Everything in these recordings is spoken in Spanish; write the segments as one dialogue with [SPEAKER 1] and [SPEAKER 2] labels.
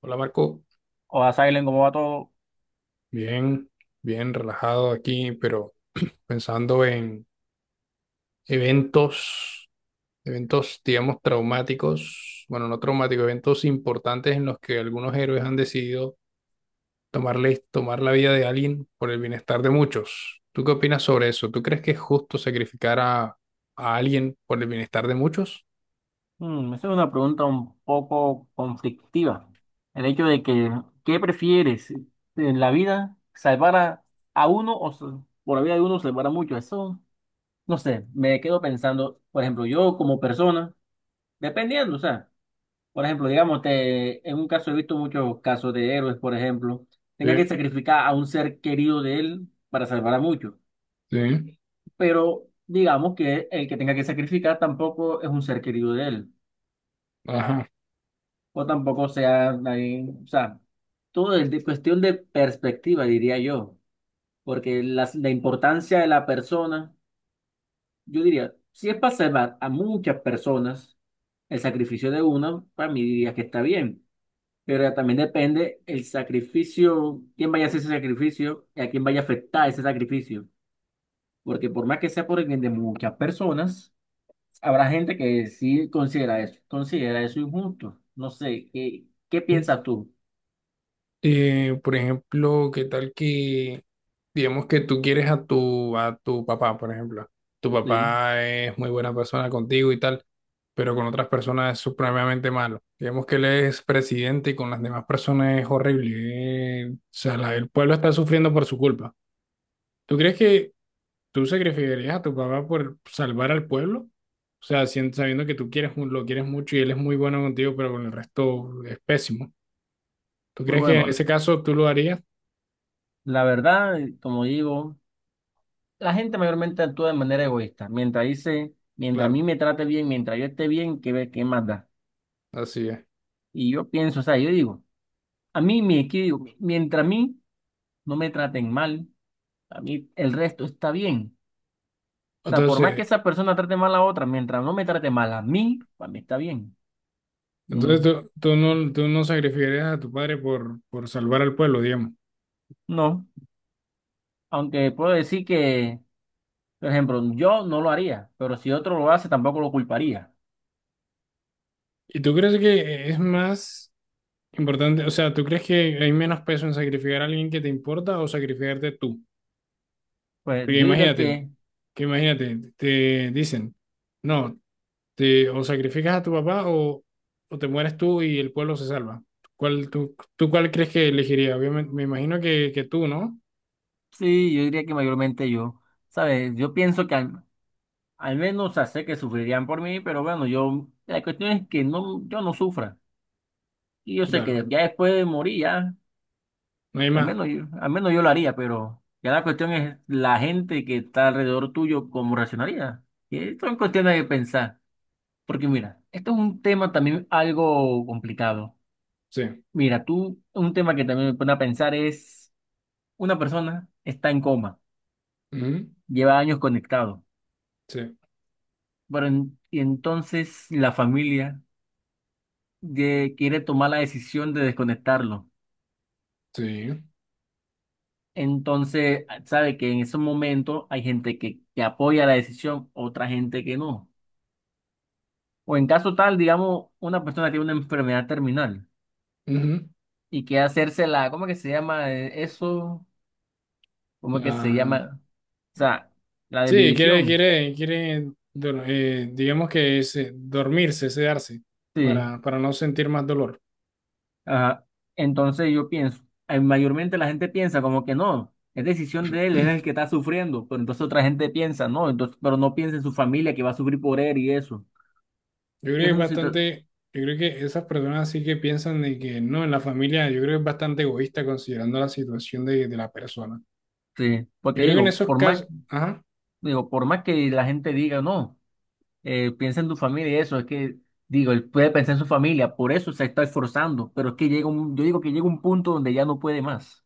[SPEAKER 1] Hola Marco,
[SPEAKER 2] O a Silent, ¿cómo va todo?
[SPEAKER 1] bien, bien relajado aquí, pero pensando en eventos, eventos, digamos, traumáticos, bueno, no traumáticos, eventos importantes en los que algunos héroes han decidido tomar la vida de alguien por el bienestar de muchos. ¿Tú qué opinas sobre eso? ¿Tú crees que es justo sacrificar a alguien por el bienestar de muchos?
[SPEAKER 2] Esa es una pregunta un poco conflictiva. El hecho de que, ¿qué prefieres en la vida? ¿Salvar a uno o por la vida de uno salvar a muchos? Eso, no sé, me quedo pensando, por ejemplo, yo como persona, dependiendo, o sea, por ejemplo, digamos, en un caso he visto muchos casos de héroes, por ejemplo,
[SPEAKER 1] Sí,
[SPEAKER 2] tengan que sacrificar a un ser querido de él para salvar a muchos,
[SPEAKER 1] sí,
[SPEAKER 2] pero digamos que el que tenga que sacrificar tampoco es un ser querido de él.
[SPEAKER 1] ajá.
[SPEAKER 2] O tampoco sea ahí, o sea, todo es cuestión de perspectiva, diría yo, porque la importancia de la persona, yo diría, si es para salvar a muchas personas, el sacrificio de una, para mí diría que está bien, pero ya también depende el sacrificio, quién vaya a hacer ese sacrificio y a quién vaya a afectar ese sacrificio, porque por más que sea por el bien de muchas personas, habrá gente que sí considera eso injusto. No sé, ¿qué
[SPEAKER 1] Sí.
[SPEAKER 2] piensas tú?
[SPEAKER 1] Por ejemplo, digamos que tú quieres a a tu papá, por ejemplo. Tu
[SPEAKER 2] Sí.
[SPEAKER 1] papá es muy buena persona contigo y tal, pero con otras personas es supremamente malo. Digamos que él es presidente y con las demás personas es horrible. El pueblo está sufriendo por su culpa. ¿Tú crees que tú sacrificarías a tu papá por salvar al pueblo? O sea, sabiendo que tú quieres, lo quieres mucho y él es muy bueno contigo, pero con el resto es pésimo. ¿Tú
[SPEAKER 2] Pues
[SPEAKER 1] crees que en
[SPEAKER 2] bueno,
[SPEAKER 1] ese caso tú lo harías?
[SPEAKER 2] la verdad, como digo, la gente mayormente actúa de manera egoísta. Mientras dice, mientras a mí
[SPEAKER 1] Claro.
[SPEAKER 2] me trate bien, mientras yo esté bien, ¿qué más da?
[SPEAKER 1] Así es.
[SPEAKER 2] Y yo pienso, o sea, yo digo, a mí me equivoco, mientras a mí no me traten mal, a mí el resto está bien. O sea, por más que
[SPEAKER 1] Entonces,
[SPEAKER 2] esa persona trate mal a otra, mientras no me trate mal a mí, para mí está bien.
[SPEAKER 1] entonces
[SPEAKER 2] Mm,
[SPEAKER 1] tú no sacrificarías a tu padre por salvar al pueblo, digamos.
[SPEAKER 2] No, aunque puedo decir que, por ejemplo, yo no lo haría, pero si otro lo hace, tampoco lo culparía.
[SPEAKER 1] ¿Y tú crees que es más importante? O sea, ¿tú crees que hay menos peso en sacrificar a alguien que te importa o sacrificarte tú?
[SPEAKER 2] Pues
[SPEAKER 1] Porque
[SPEAKER 2] yo diría
[SPEAKER 1] imagínate,
[SPEAKER 2] que
[SPEAKER 1] te dicen, no, o sacrificas a tu papá, o te mueres tú y el pueblo se salva. ¿Tú cuál crees que elegirías? Obviamente, me imagino que tú, ¿no?
[SPEAKER 2] Sí, yo diría que mayormente yo, ¿sabes? Yo pienso que al menos, o sea, sé que sufrirían por mí, pero bueno, yo, la cuestión es que no, yo no sufra. Y yo sé
[SPEAKER 1] Claro,
[SPEAKER 2] que ya después de morir, ya,
[SPEAKER 1] no hay
[SPEAKER 2] al
[SPEAKER 1] más.
[SPEAKER 2] menos yo, al menos yo lo haría, pero ya la cuestión es la gente que está alrededor tuyo, cómo reaccionaría. Y esto es cuestión de pensar, porque mira, esto es un tema también algo complicado.
[SPEAKER 1] Sí.
[SPEAKER 2] Mira, tú, un tema que también me pone a pensar es, una persona está en coma,
[SPEAKER 1] Ujú.
[SPEAKER 2] lleva años conectado.
[SPEAKER 1] Sí,
[SPEAKER 2] Pero y entonces la familia quiere tomar la decisión de desconectarlo.
[SPEAKER 1] sí.
[SPEAKER 2] Entonces, sabe que en ese momento hay gente que apoya la decisión, otra gente que no. O en caso tal, digamos, una persona tiene una enfermedad terminal
[SPEAKER 1] Ujú.
[SPEAKER 2] y quiere hacerse la, ¿cómo que se llama eso? ¿Cómo que se
[SPEAKER 1] La-
[SPEAKER 2] llama? O sea, la
[SPEAKER 1] Sí, quiere,
[SPEAKER 2] desvivisión.
[SPEAKER 1] quiere, quiere, dor- eh, digamos que dormirse, sedarse,
[SPEAKER 2] Sí.
[SPEAKER 1] para no sentir más dolor.
[SPEAKER 2] Ajá. Entonces yo pienso, mayormente la gente piensa como que no, es decisión de él, es el que está sufriendo, pero entonces otra gente piensa, no, entonces, pero no piensa en su familia que va a sufrir por él y eso.
[SPEAKER 1] Yo creo que
[SPEAKER 2] Es
[SPEAKER 1] es
[SPEAKER 2] una situación,
[SPEAKER 1] bastante, yo creo que esas personas sí que piensan de que no, en la familia, yo creo que es bastante egoísta considerando la situación de la persona.
[SPEAKER 2] sí,
[SPEAKER 1] Yo
[SPEAKER 2] porque
[SPEAKER 1] creo que en esos casos, ajá,
[SPEAKER 2] digo, por más que la gente diga, no, piensa en tu familia y eso, es que, digo, él puede pensar en su familia, por eso se está esforzando, pero es que llega un, yo digo que llega un punto donde ya no puede más.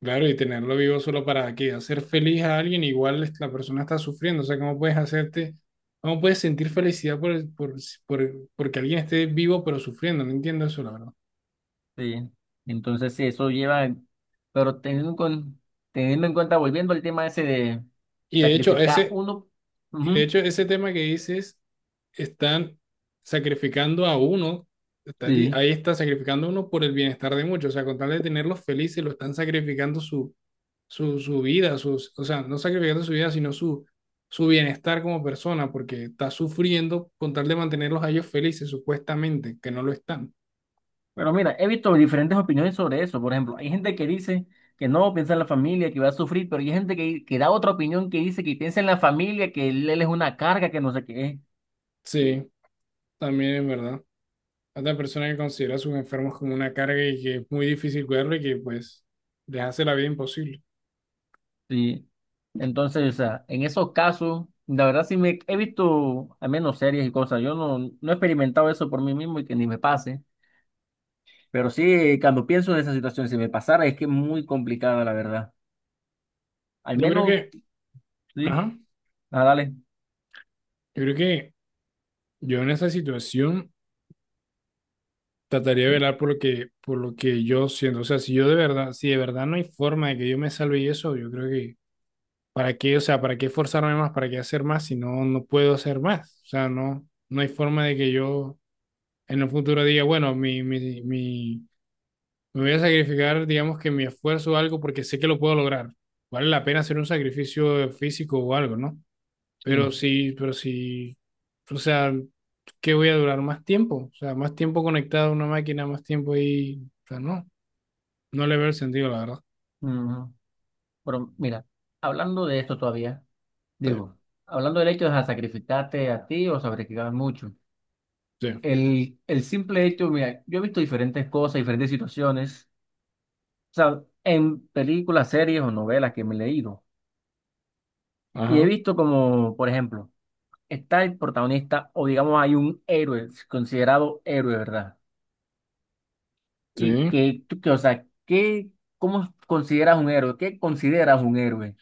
[SPEAKER 1] claro, y tenerlo vivo solo para qué hacer feliz a alguien, igual la persona está sufriendo. O sea, ¿cómo puedes hacerte, cómo puedes sentir felicidad porque alguien esté vivo pero sufriendo? No entiendo eso, la verdad.
[SPEAKER 2] Sí. Entonces, sí, eso lleva, pero teniendo, teniendo en cuenta, volviendo al tema ese de
[SPEAKER 1] Y de hecho,
[SPEAKER 2] sacrificar
[SPEAKER 1] ese,
[SPEAKER 2] uno,
[SPEAKER 1] y de
[SPEAKER 2] ujú,
[SPEAKER 1] hecho, ese tema que dices, están sacrificando a uno,
[SPEAKER 2] sí.
[SPEAKER 1] ahí está sacrificando a uno por el bienestar de muchos. O sea, con tal de tenerlos felices, lo están sacrificando su vida, sus, o sea, no sacrificando su vida, sino su bienestar como persona, porque está sufriendo con tal de mantenerlos a ellos felices, supuestamente, que no lo están.
[SPEAKER 2] Pero mira, he visto diferentes opiniones sobre eso. Por ejemplo, hay gente que dice que no piensa en la familia, que va a sufrir, pero hay gente que da otra opinión que dice que piensa en la familia, que él es una carga, que no sé qué es.
[SPEAKER 1] Sí, también es verdad. Otra persona que considera a sus enfermos como una carga y que es muy difícil cuidarlo y que pues les hace la vida imposible.
[SPEAKER 2] Sí. Entonces, o sea, en esos casos, la verdad sí me he visto al menos series y cosas. Yo no he experimentado eso por mí mismo y que ni me pase. Pero sí, cuando pienso en esa situación, si me pasara, es que es muy complicada, la verdad. Al
[SPEAKER 1] Yo creo
[SPEAKER 2] menos,
[SPEAKER 1] que,
[SPEAKER 2] sí,
[SPEAKER 1] ajá,
[SPEAKER 2] dale.
[SPEAKER 1] yo creo que yo en esa situación trataría de velar por lo que yo siento. O sea, si yo de verdad, si de verdad no hay forma de que yo me salve y eso, yo creo que, ¿para qué? O sea, ¿para qué forzarme más? ¿Para qué hacer más si no, no puedo hacer más? O sea, no, no hay forma de que yo en un futuro diga, bueno, me voy a sacrificar, digamos que mi esfuerzo o algo porque sé que lo puedo lograr. Vale la pena hacer un sacrificio físico o algo, ¿no?
[SPEAKER 2] Sí.
[SPEAKER 1] Pero sí, o sea, ¿qué voy a durar más tiempo? O sea, más tiempo conectado a una máquina, más tiempo ahí, o sea, no, no le veo el sentido, la verdad.
[SPEAKER 2] Ujú. Pero mira, hablando de esto todavía,
[SPEAKER 1] Sí,
[SPEAKER 2] digo, hablando del hecho de sacrificarte a ti o sacrificar mucho,
[SPEAKER 1] sí,
[SPEAKER 2] el simple hecho, mira, yo he visto diferentes cosas, diferentes situaciones, o sea, en películas, series o novelas que me he leído, y he
[SPEAKER 1] ajá,
[SPEAKER 2] visto como, por ejemplo, está el protagonista o digamos hay un héroe, considerado héroe, ¿verdad?
[SPEAKER 1] sí.
[SPEAKER 2] O sea, ¿Cómo consideras un héroe? ¿Qué consideras un héroe?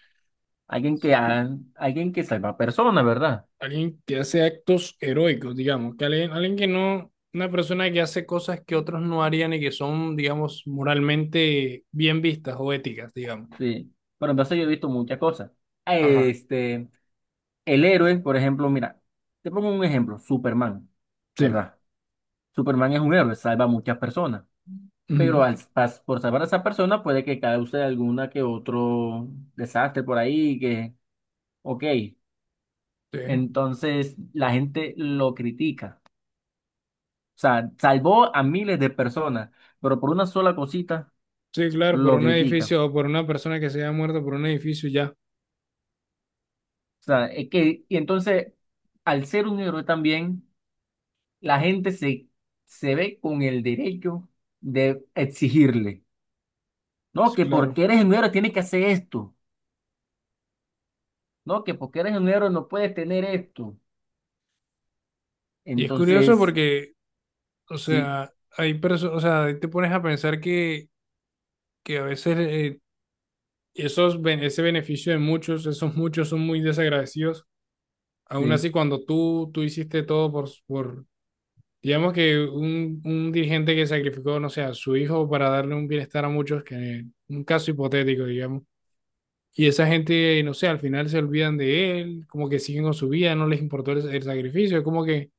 [SPEAKER 2] Alguien que, ha- alguien que salva personas, ¿verdad?
[SPEAKER 1] Alguien que hace actos heroicos, digamos, que alguien, alguien que no, una persona que hace cosas que otros no harían y que son, digamos, moralmente bien vistas o éticas, digamos.
[SPEAKER 2] Sí. Pero entonces yo he visto muchas cosas.
[SPEAKER 1] Ajá,
[SPEAKER 2] Este, el héroe, por ejemplo, mira, te pongo un ejemplo, Superman,
[SPEAKER 1] sí,
[SPEAKER 2] ¿verdad? Superman es un héroe, salva a muchas personas, pero
[SPEAKER 1] ujú,
[SPEAKER 2] por salvar a esa persona puede que cause alguna que otro desastre por ahí, que, ok,
[SPEAKER 1] sí.
[SPEAKER 2] entonces la gente lo critica. O sea, salvó a miles de personas, pero por una sola cosita
[SPEAKER 1] Sí, claro, por
[SPEAKER 2] lo
[SPEAKER 1] un
[SPEAKER 2] critica.
[SPEAKER 1] edificio o por una persona que se haya muerto por un edificio, ya,
[SPEAKER 2] O sea, es que, y entonces, al ser un héroe también, la gente se ve con el derecho de exigirle, no,
[SPEAKER 1] pues,
[SPEAKER 2] que
[SPEAKER 1] claro.
[SPEAKER 2] porque eres un héroe tienes que hacer esto, no, que porque eres un héroe no puedes tener esto.
[SPEAKER 1] Y es curioso
[SPEAKER 2] Entonces,
[SPEAKER 1] porque, o
[SPEAKER 2] sí,
[SPEAKER 1] sea, o sea, ahí te pones a pensar que a veces esos, ese beneficio de muchos, esos muchos son muy desagradecidos. Aún
[SPEAKER 2] sí,
[SPEAKER 1] así, cuando tú hiciste todo por, digamos que un dirigente que sacrificó, no sé, a su hijo para darle un bienestar a muchos, que un caso hipotético, digamos. Y esa gente, no sé, al final se olvidan de él, como que siguen con su vida, no les importó el sacrificio, es como que,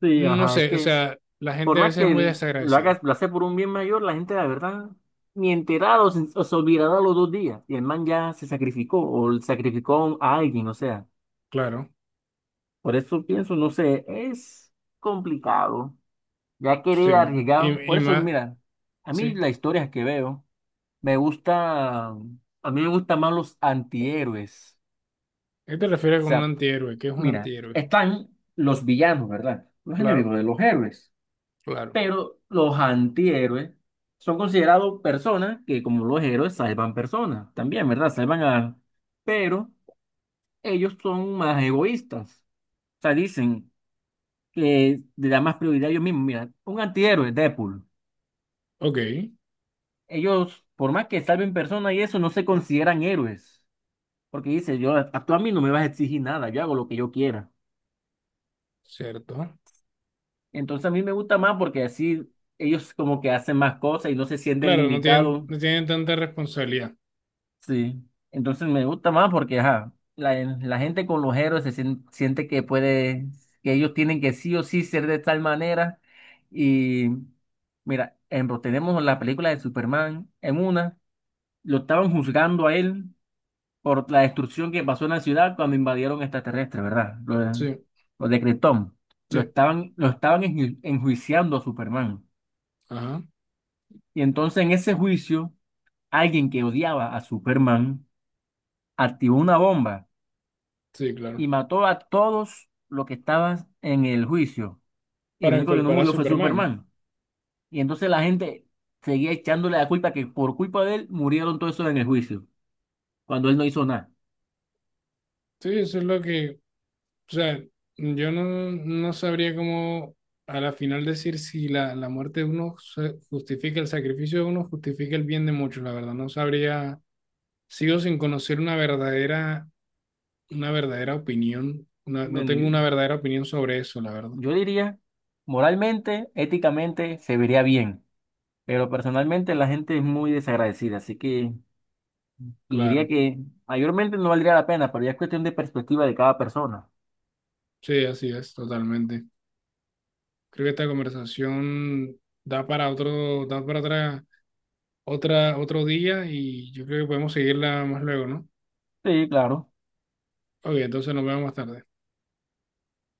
[SPEAKER 2] sí,
[SPEAKER 1] no
[SPEAKER 2] ajá, es
[SPEAKER 1] sé, o
[SPEAKER 2] que
[SPEAKER 1] sea, la
[SPEAKER 2] por
[SPEAKER 1] gente a
[SPEAKER 2] más
[SPEAKER 1] veces es
[SPEAKER 2] que
[SPEAKER 1] muy
[SPEAKER 2] lo hagas,
[SPEAKER 1] desagradecida,
[SPEAKER 2] lo hace por un bien mayor, la gente, la verdad, ni enterado, o se olvidará los 2 días. Y el man ya se sacrificó, o sacrificó a alguien, o sea.
[SPEAKER 1] claro.
[SPEAKER 2] Por eso pienso, no sé, es complicado. Ya querer
[SPEAKER 1] Sí,
[SPEAKER 2] arriesgar.
[SPEAKER 1] y
[SPEAKER 2] Por eso,
[SPEAKER 1] más,
[SPEAKER 2] mira, a mí
[SPEAKER 1] sí.
[SPEAKER 2] las historias que veo, a mí me gustan más los antihéroes.
[SPEAKER 1] ¿Qué te refieres
[SPEAKER 2] O
[SPEAKER 1] con un
[SPEAKER 2] sea,
[SPEAKER 1] antihéroe? ¿Qué es un
[SPEAKER 2] mira,
[SPEAKER 1] antihéroe?
[SPEAKER 2] están los villanos, ¿verdad? Los
[SPEAKER 1] Claro,
[SPEAKER 2] enemigos de los héroes.
[SPEAKER 1] claro.
[SPEAKER 2] Pero los antihéroes son considerados personas que, como los héroes, salvan personas también, ¿verdad? Pero ellos son más egoístas. O sea, dicen que le da más prioridad a ellos mismos. Mira, un antihéroe, Deadpool.
[SPEAKER 1] Ok,
[SPEAKER 2] Ellos, por más que salven personas y eso, no se consideran héroes. Porque dice, yo, a tú a mí no me vas a exigir nada, yo hago lo que yo quiera.
[SPEAKER 1] cierto.
[SPEAKER 2] Entonces a mí me gusta más porque así ellos como que hacen más cosas y no se sienten
[SPEAKER 1] Claro,
[SPEAKER 2] limitados.
[SPEAKER 1] no tienen tanta responsabilidad.
[SPEAKER 2] Sí, entonces me gusta más porque ajá, la gente con los héroes siente que puede, que ellos tienen que sí o sí ser de tal manera. Y mira, ejemplo, tenemos la película de Superman en una, lo estaban juzgando a él por la destrucción que pasó en la ciudad cuando invadieron extraterrestres, ¿verdad? Lo, de-
[SPEAKER 1] Sí,
[SPEAKER 2] lo de Krypton. Lo
[SPEAKER 1] sí.
[SPEAKER 2] estaban, lo estaban enjuiciando a Superman.
[SPEAKER 1] Ajá,
[SPEAKER 2] Y entonces en ese juicio, alguien que odiaba a Superman activó una bomba
[SPEAKER 1] sí, claro.
[SPEAKER 2] y mató a todos los que estaban en el juicio. Y el
[SPEAKER 1] Para
[SPEAKER 2] único que no
[SPEAKER 1] incorporar a
[SPEAKER 2] murió fue
[SPEAKER 1] Superman.
[SPEAKER 2] Superman. Y entonces la gente seguía echándole la culpa que por culpa de él murieron todos esos en el juicio, cuando él no hizo nada.
[SPEAKER 1] Sí, eso es lo que, o sea, yo no, no sabría cómo a la final decir si la muerte de uno justifica el sacrificio de uno, justifica el bien de muchos, la verdad. No sabría, sigo sin conocer una verdadera opinión. No
[SPEAKER 2] Bueno,
[SPEAKER 1] tengo una
[SPEAKER 2] yo,
[SPEAKER 1] verdadera opinión sobre eso, la verdad.
[SPEAKER 2] yo diría, moralmente, éticamente, se vería bien, pero personalmente la gente es muy desagradecida, así que y diría
[SPEAKER 1] Claro.
[SPEAKER 2] que mayormente no valdría la pena, pero ya es cuestión de perspectiva de cada persona.
[SPEAKER 1] Sí, así es, totalmente. Creo que esta conversación da para otro día y yo creo que podemos seguirla más luego, ¿no?
[SPEAKER 2] Sí, claro.
[SPEAKER 1] Ok, entonces nos vemos más tarde.